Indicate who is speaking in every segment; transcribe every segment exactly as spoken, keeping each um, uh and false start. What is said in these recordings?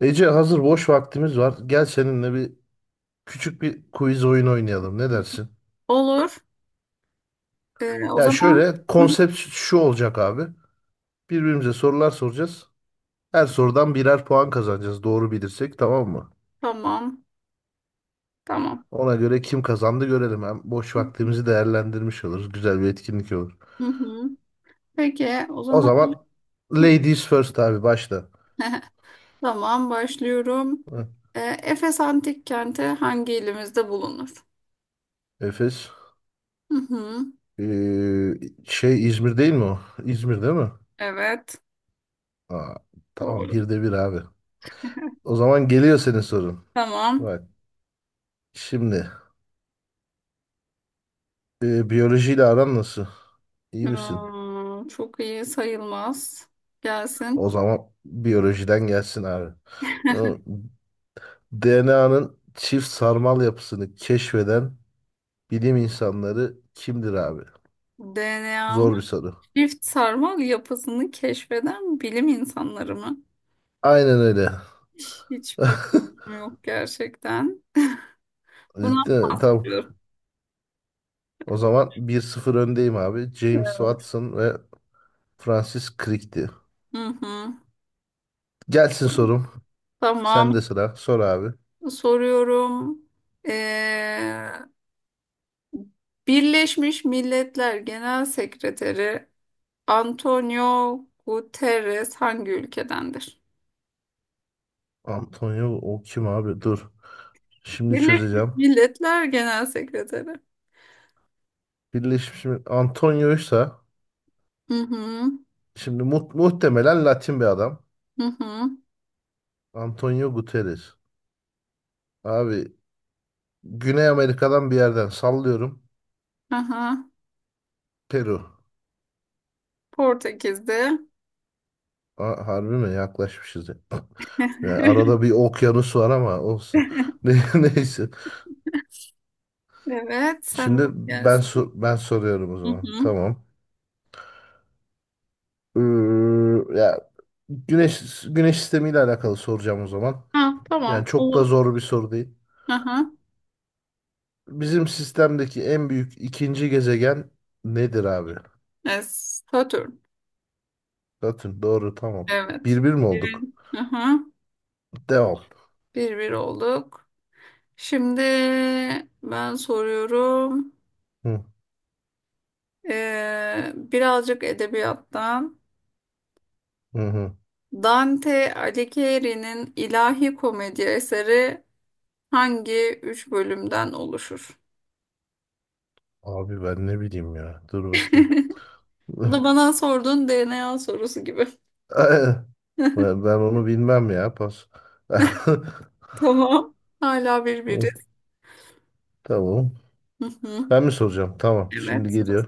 Speaker 1: Ece hazır boş vaktimiz var. Gel seninle bir küçük bir quiz oyun oynayalım. Ne dersin?
Speaker 2: Olur. Ee, o
Speaker 1: Ya
Speaker 2: zaman
Speaker 1: şöyle
Speaker 2: hı hı.
Speaker 1: konsept şu olacak abi. Birbirimize sorular soracağız. Her sorudan birer puan kazanacağız. Doğru bilirsek tamam mı?
Speaker 2: Tamam. Tamam.
Speaker 1: Ona göre kim kazandı görelim. Hem boş vaktimizi değerlendirmiş oluruz. Güzel bir etkinlik olur.
Speaker 2: Hı hı. Peki o
Speaker 1: O
Speaker 2: zaman
Speaker 1: zaman ladies first abi başla.
Speaker 2: tamam başlıyorum.
Speaker 1: Hı,
Speaker 2: Ee, Efes Antik Kenti hangi ilimizde bulunur?
Speaker 1: Efes.
Speaker 2: Hı hı.
Speaker 1: Ee, şey İzmir değil mi o? İzmir değil mi?
Speaker 2: Evet.
Speaker 1: Aa, tamam
Speaker 2: Doğru.
Speaker 1: bir de bir abi. O zaman geliyor senin sorun.
Speaker 2: Tamam.
Speaker 1: Bak. Şimdi e, biyolojiyle aran nasıl? İyi misin?
Speaker 2: Aa, çok iyi sayılmaz. Gelsin.
Speaker 1: O zaman biyolojiden gelsin abi. D N A'nın çift sarmal yapısını keşfeden bilim insanları kimdir abi?
Speaker 2: D N A'nın
Speaker 1: Zor bir soru.
Speaker 2: çift sarmal yapısını keşfeden bilim insanları mı?
Speaker 1: Aynen öyle.
Speaker 2: Hiçbir fikrim yok gerçekten. Bunu
Speaker 1: Ciddi mi? Tamam.
Speaker 2: yapıyorum.
Speaker 1: O zaman bir sıfır öndeyim abi. James Watson ve Francis Crick'ti.
Speaker 2: Hı hı.
Speaker 1: Gelsin sorum. Sen de
Speaker 2: Tamam.
Speaker 1: sıra. Sor abi.
Speaker 2: Soruyorum. Ee, Birleşmiş Milletler Genel Sekreteri Antonio Guterres hangi ülkedendir?
Speaker 1: Antonio o kim abi? Dur. Şimdi
Speaker 2: Birleşmiş
Speaker 1: çözeceğim.
Speaker 2: Milletler Genel Sekreteri.
Speaker 1: Birleşmiş Milletler. Antonio'ysa
Speaker 2: Hı hı.
Speaker 1: şimdi mu- muhtemelen Latin bir adam.
Speaker 2: Hı hı.
Speaker 1: Antonio Guterres. Abi Güney Amerika'dan bir yerden sallıyorum.
Speaker 2: Aha.
Speaker 1: Peru.
Speaker 2: Portekiz'de.
Speaker 1: A- harbi mi? Yaklaşmışız, ya. Yani arada bir okyanus var ama olsun. Ne- Neyse.
Speaker 2: Evet, sen de
Speaker 1: Şimdi ben
Speaker 2: gelsin.
Speaker 1: sor- ben soruyorum o
Speaker 2: Hı
Speaker 1: zaman.
Speaker 2: hı.
Speaker 1: Tamam. Ee, ya güneş güneş sistemiyle alakalı soracağım o zaman.
Speaker 2: Ha,
Speaker 1: Yani
Speaker 2: tamam,
Speaker 1: çok da
Speaker 2: olur.
Speaker 1: zor bir soru değil.
Speaker 2: Aha.
Speaker 1: Bizim sistemdeki en büyük ikinci gezegen nedir abi?
Speaker 2: Es Satürn.
Speaker 1: Satürn, doğru, tamam.
Speaker 2: Evet.
Speaker 1: Bir bir mi
Speaker 2: Bir,
Speaker 1: olduk?
Speaker 2: aha.
Speaker 1: Devam.
Speaker 2: Bir bir olduk. Şimdi ben soruyorum.
Speaker 1: Hı,
Speaker 2: Ee, birazcık edebiyattan.
Speaker 1: hı, hı.
Speaker 2: Dante Alighieri'nin İlahi Komedi eseri hangi üç bölümden oluşur?
Speaker 1: Abi ben ne bileyim ya. Dur bakayım.
Speaker 2: Bu da bana sorduğun D N A sorusu gibi.
Speaker 1: Ben, ben onu bilmem ya, pas.
Speaker 2: Tamam. Hala
Speaker 1: Hı,
Speaker 2: birbiriz.
Speaker 1: tamam.
Speaker 2: Hı hı.
Speaker 1: Ben mi soracağım? Tamam. Şimdi
Speaker 2: Evet.
Speaker 1: geliyor.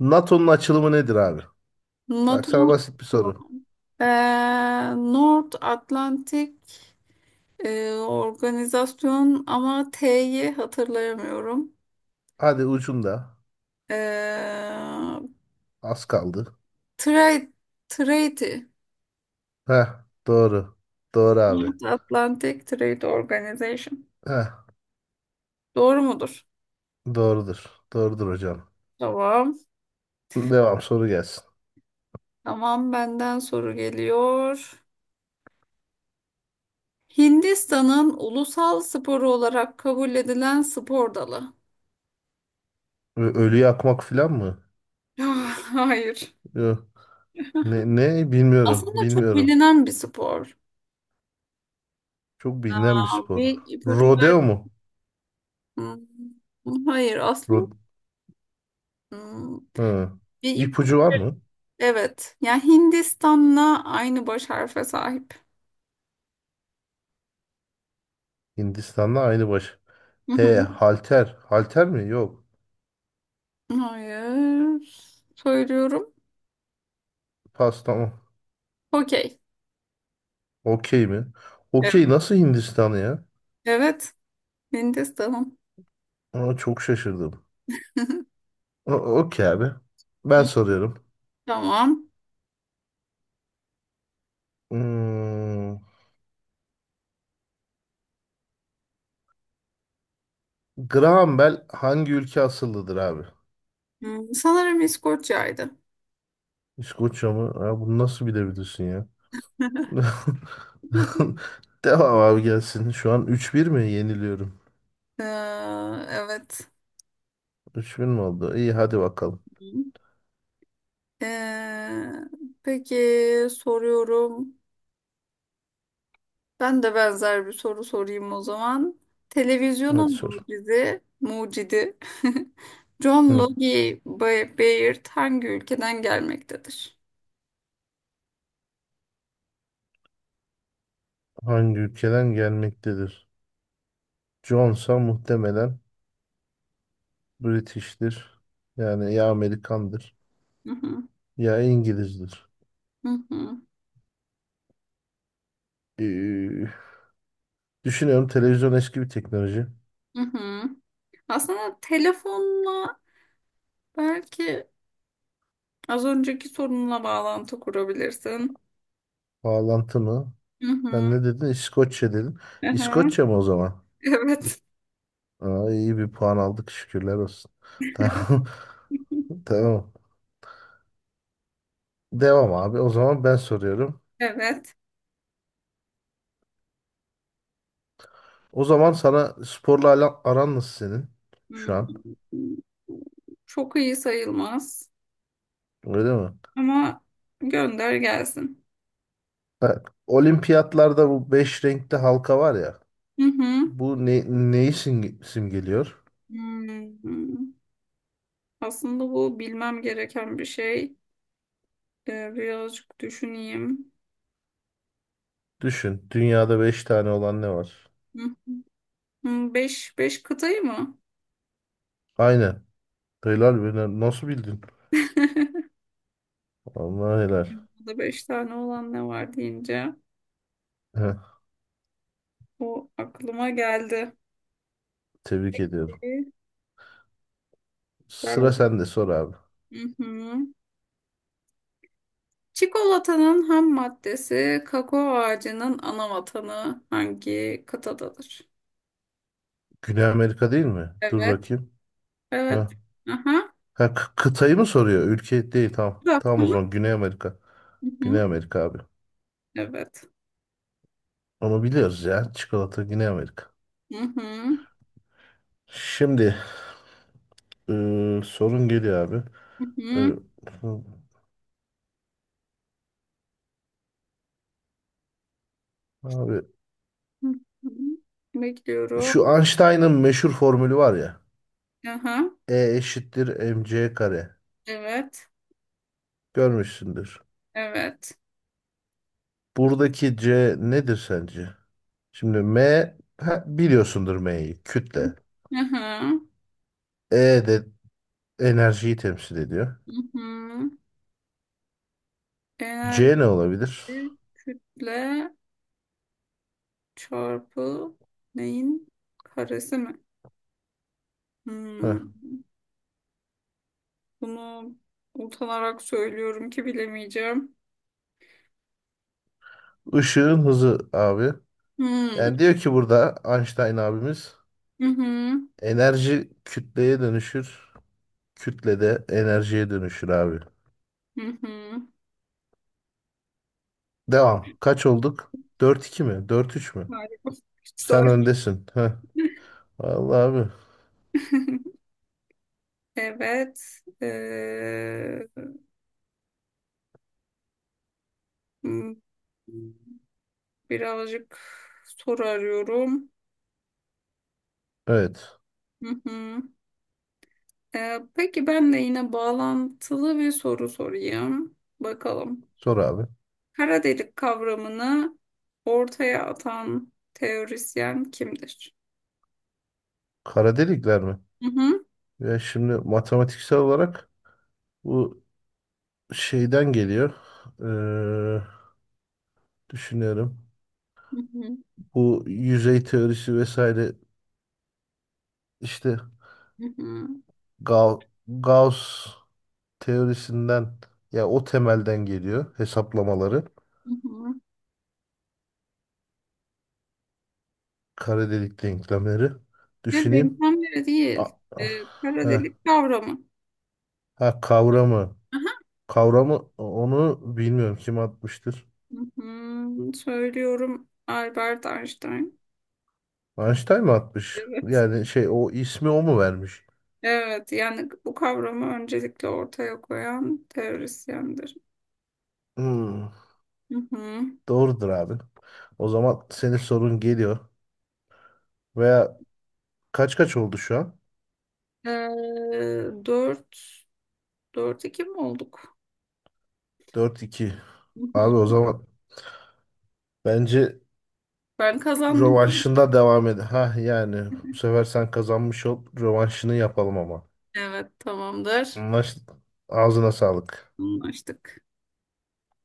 Speaker 1: NATO'nun açılımı nedir abi? Bak
Speaker 2: NATO
Speaker 1: sana basit bir soru.
Speaker 2: ee, North Atlantic e, organizasyon ama T'yi hatırlayamıyorum.
Speaker 1: Hadi ucunda.
Speaker 2: Ee,
Speaker 1: Az kaldı.
Speaker 2: Trade, Trade,
Speaker 1: Heh, doğru. Doğru abi.
Speaker 2: North Atlantic Trade Organization.
Speaker 1: Heh,
Speaker 2: Doğru mudur?
Speaker 1: doğrudur. Doğrudur hocam.
Speaker 2: Tamam.
Speaker 1: Devam, soru gelsin.
Speaker 2: Tamam, benden soru geliyor. Hindistan'ın ulusal sporu olarak kabul edilen spor dalı.
Speaker 1: Ö- Ölüyü yakmak falan mı?
Speaker 2: Hayır.
Speaker 1: Ne, ne bilmiyorum.
Speaker 2: Aslında çok
Speaker 1: Bilmiyorum.
Speaker 2: bilinen bir spor.
Speaker 1: Çok bilinen bir
Speaker 2: Aa,
Speaker 1: spor.
Speaker 2: bir ipucu ver.
Speaker 1: Rodeo mu?
Speaker 2: Hmm, Hayır, aslında
Speaker 1: Ro,
Speaker 2: hmm,
Speaker 1: hı.
Speaker 2: bir ipucu
Speaker 1: İpucu var
Speaker 2: ver.
Speaker 1: mı?
Speaker 2: Evet. Yani Hindistan'la aynı baş harfe sahip.
Speaker 1: Hindistan'da aynı baş. He, halter. Halter mi? Yok.
Speaker 2: Hayır. Söylüyorum.
Speaker 1: Pas, tamam.
Speaker 2: Okey.
Speaker 1: Okey mi?
Speaker 2: Evet.
Speaker 1: Okey nasıl Hindistan'ı ya?
Speaker 2: Evet. Mendes tamam.
Speaker 1: Aa, çok şaşırdım. O- Okey abi. Ben soruyorum.
Speaker 2: Tamam.
Speaker 1: Hmm, Graham Bell hangi ülke asıllıdır abi?
Speaker 2: Hmm, sanırım İskoçya'ydı.
Speaker 1: İskoçya mı? Aa, bunu nasıl bilebilirsin ya? Devam abi, gelsin. Şu an üç bir mi yeniliyorum?
Speaker 2: Ee, evet.
Speaker 1: üç bin mi oldu? İyi, hadi bakalım.
Speaker 2: Hı. Ee, peki soruyorum. Ben de benzer bir soru sorayım o zaman. Televizyonun
Speaker 1: Hadi sor.
Speaker 2: mucidi, mucidi John
Speaker 1: Hı.
Speaker 2: Logie Ba- Baird hangi ülkeden gelmektedir?
Speaker 1: Hangi ülkeden gelmektedir? Johnsa muhtemelen British'tir. Yani ya Amerikandır
Speaker 2: Hı hı.
Speaker 1: ya İngilizdir.
Speaker 2: Hı hı.
Speaker 1: Ee, düşünüyorum, televizyon eski bir teknoloji.
Speaker 2: Hı hı. Aslında telefonla belki az önceki sorunla bağlantı kurabilirsin.
Speaker 1: Bağlantı mı?
Speaker 2: Hı hı.
Speaker 1: Sen ne dedin? İskoçya dedin.
Speaker 2: Aha.
Speaker 1: İskoçya mı o zaman?
Speaker 2: Evet.
Speaker 1: Aa, iyi bir puan aldık, şükürler olsun. Tamam. Tamam. Devam abi. O zaman ben soruyorum.
Speaker 2: Evet.
Speaker 1: O zaman sana sporla ala- aran nasıl senin şu an?
Speaker 2: Hmm. Çok iyi sayılmaz.
Speaker 1: Öyle mi?
Speaker 2: Ama gönder gelsin.
Speaker 1: Ha, Olimpiyatlarda bu beş renkli halka var ya.
Speaker 2: Hı hı.
Speaker 1: Bu ne, neyi simge- simgeliyor?
Speaker 2: Hmm. Aslında bu bilmem gereken bir şey. Ee, birazcık düşüneyim.
Speaker 1: Düşün. Dünyada beş tane olan ne var?
Speaker 2: Hı. Hı, beş, beş kıtayı mı?
Speaker 1: Aynen. Helal be. na- Nasıl bildin? Allah helal.
Speaker 2: Burada beş tane olan ne var deyince
Speaker 1: Heh,
Speaker 2: o aklıma geldi.
Speaker 1: tebrik ediyorum.
Speaker 2: Yani
Speaker 1: Sıra sende, sor abi.
Speaker 2: hı hı. Çikolatanın ham maddesi kakao ağacının ana vatanı hangi kıtadadır?
Speaker 1: Güney Amerika değil mi? Dur
Speaker 2: Evet,
Speaker 1: bakayım.
Speaker 2: evet.
Speaker 1: Heh.
Speaker 2: Aha.
Speaker 1: Ha, kı- kıtayı mı soruyor? Ülke değil. Tamam.
Speaker 2: Da.
Speaker 1: Tamam, o zaman Güney Amerika.
Speaker 2: Hı hı.
Speaker 1: Güney Amerika abi.
Speaker 2: Evet.
Speaker 1: Onu biliyoruz ya. Çikolata Güney Amerika.
Speaker 2: Hı hı.
Speaker 1: Şimdi e, sorun geliyor abi.
Speaker 2: Hı
Speaker 1: E,
Speaker 2: hı.
Speaker 1: abi
Speaker 2: Hı hı.
Speaker 1: şu
Speaker 2: Bekliyorum.
Speaker 1: Einstein'ın meşhur formülü var ya.
Speaker 2: Aha.
Speaker 1: E eşittir mc kare.
Speaker 2: Evet.
Speaker 1: Görmüşsündür.
Speaker 2: Evet.
Speaker 1: Buradaki c nedir sence? Şimdi m, ha, biliyorsundur m'yi, kütle.
Speaker 2: Aha.
Speaker 1: E de enerjiyi temsil ediyor.
Speaker 2: Hı hı.
Speaker 1: C
Speaker 2: Enerji
Speaker 1: ne olabilir?
Speaker 2: kütle çarpı neyin karesi mi?
Speaker 1: Heh.
Speaker 2: Hmm. Bunu utanarak söylüyorum ki bilemeyeceğim.
Speaker 1: Işığın hızı abi.
Speaker 2: Hmm.
Speaker 1: Yani diyor ki burada Einstein abimiz,
Speaker 2: Hı hı.
Speaker 1: enerji kütleye dönüşür. Kütle de enerjiye dönüşür abi.
Speaker 2: Hı hı.
Speaker 1: Devam. Kaç olduk? Dört iki mi? Dört üç mü?
Speaker 2: Harika.
Speaker 1: Sen
Speaker 2: Güzel.
Speaker 1: öndesin. Heh. Vallahi abi.
Speaker 2: Evet. Ee, hmm, birazcık soru arıyorum.
Speaker 1: Evet.
Speaker 2: Hı hı. Ee, peki ben de yine bağlantılı bir soru sorayım. Bakalım.
Speaker 1: Sor abi.
Speaker 2: Kara delik kavramını ortaya atan teorisyen kimdir?
Speaker 1: Kara delikler mi?
Speaker 2: Hı hı.
Speaker 1: Ya şimdi matematiksel olarak bu şeyden geliyor. Ee, düşünüyorum.
Speaker 2: Hı hı.
Speaker 1: Bu yüzey teorisi vesaire işte
Speaker 2: Hı hı.
Speaker 1: Ga- Gauss teorisinden ya, o temelden geliyor hesaplamaları.
Speaker 2: Hı hı.
Speaker 1: Kara delik denklemleri.
Speaker 2: Ya
Speaker 1: Düşüneyim.
Speaker 2: denklemleri
Speaker 1: A-
Speaker 2: değil. E,
Speaker 1: ah,
Speaker 2: kara
Speaker 1: heh.
Speaker 2: delik kavramı.
Speaker 1: ha, kavramı.
Speaker 2: Aha.
Speaker 1: Kavramı onu bilmiyorum kim atmıştır.
Speaker 2: Hı, söylüyorum Albert Einstein.
Speaker 1: Einstein mı atmış?
Speaker 2: Evet.
Speaker 1: Yani şey, o ismi o mu vermiş?
Speaker 2: Evet yani bu kavramı öncelikle ortaya koyan teorisyendir.
Speaker 1: Hmm,
Speaker 2: Hı-hı.
Speaker 1: doğrudur abi. O zaman senin sorun geliyor. Veya kaç kaç oldu şu an?
Speaker 2: E, dört, dört iki mi olduk?
Speaker 1: Dört iki.
Speaker 2: Hı-hı.
Speaker 1: Abi o zaman bence
Speaker 2: Ben kazandım.
Speaker 1: rövanşında devam ed. Ha yani bu sefer sen kazanmış ol. Rövanşını yapalım ama.
Speaker 2: Evet tamamdır.
Speaker 1: Anlaştık. Ağzına sağlık.
Speaker 2: Anlaştık.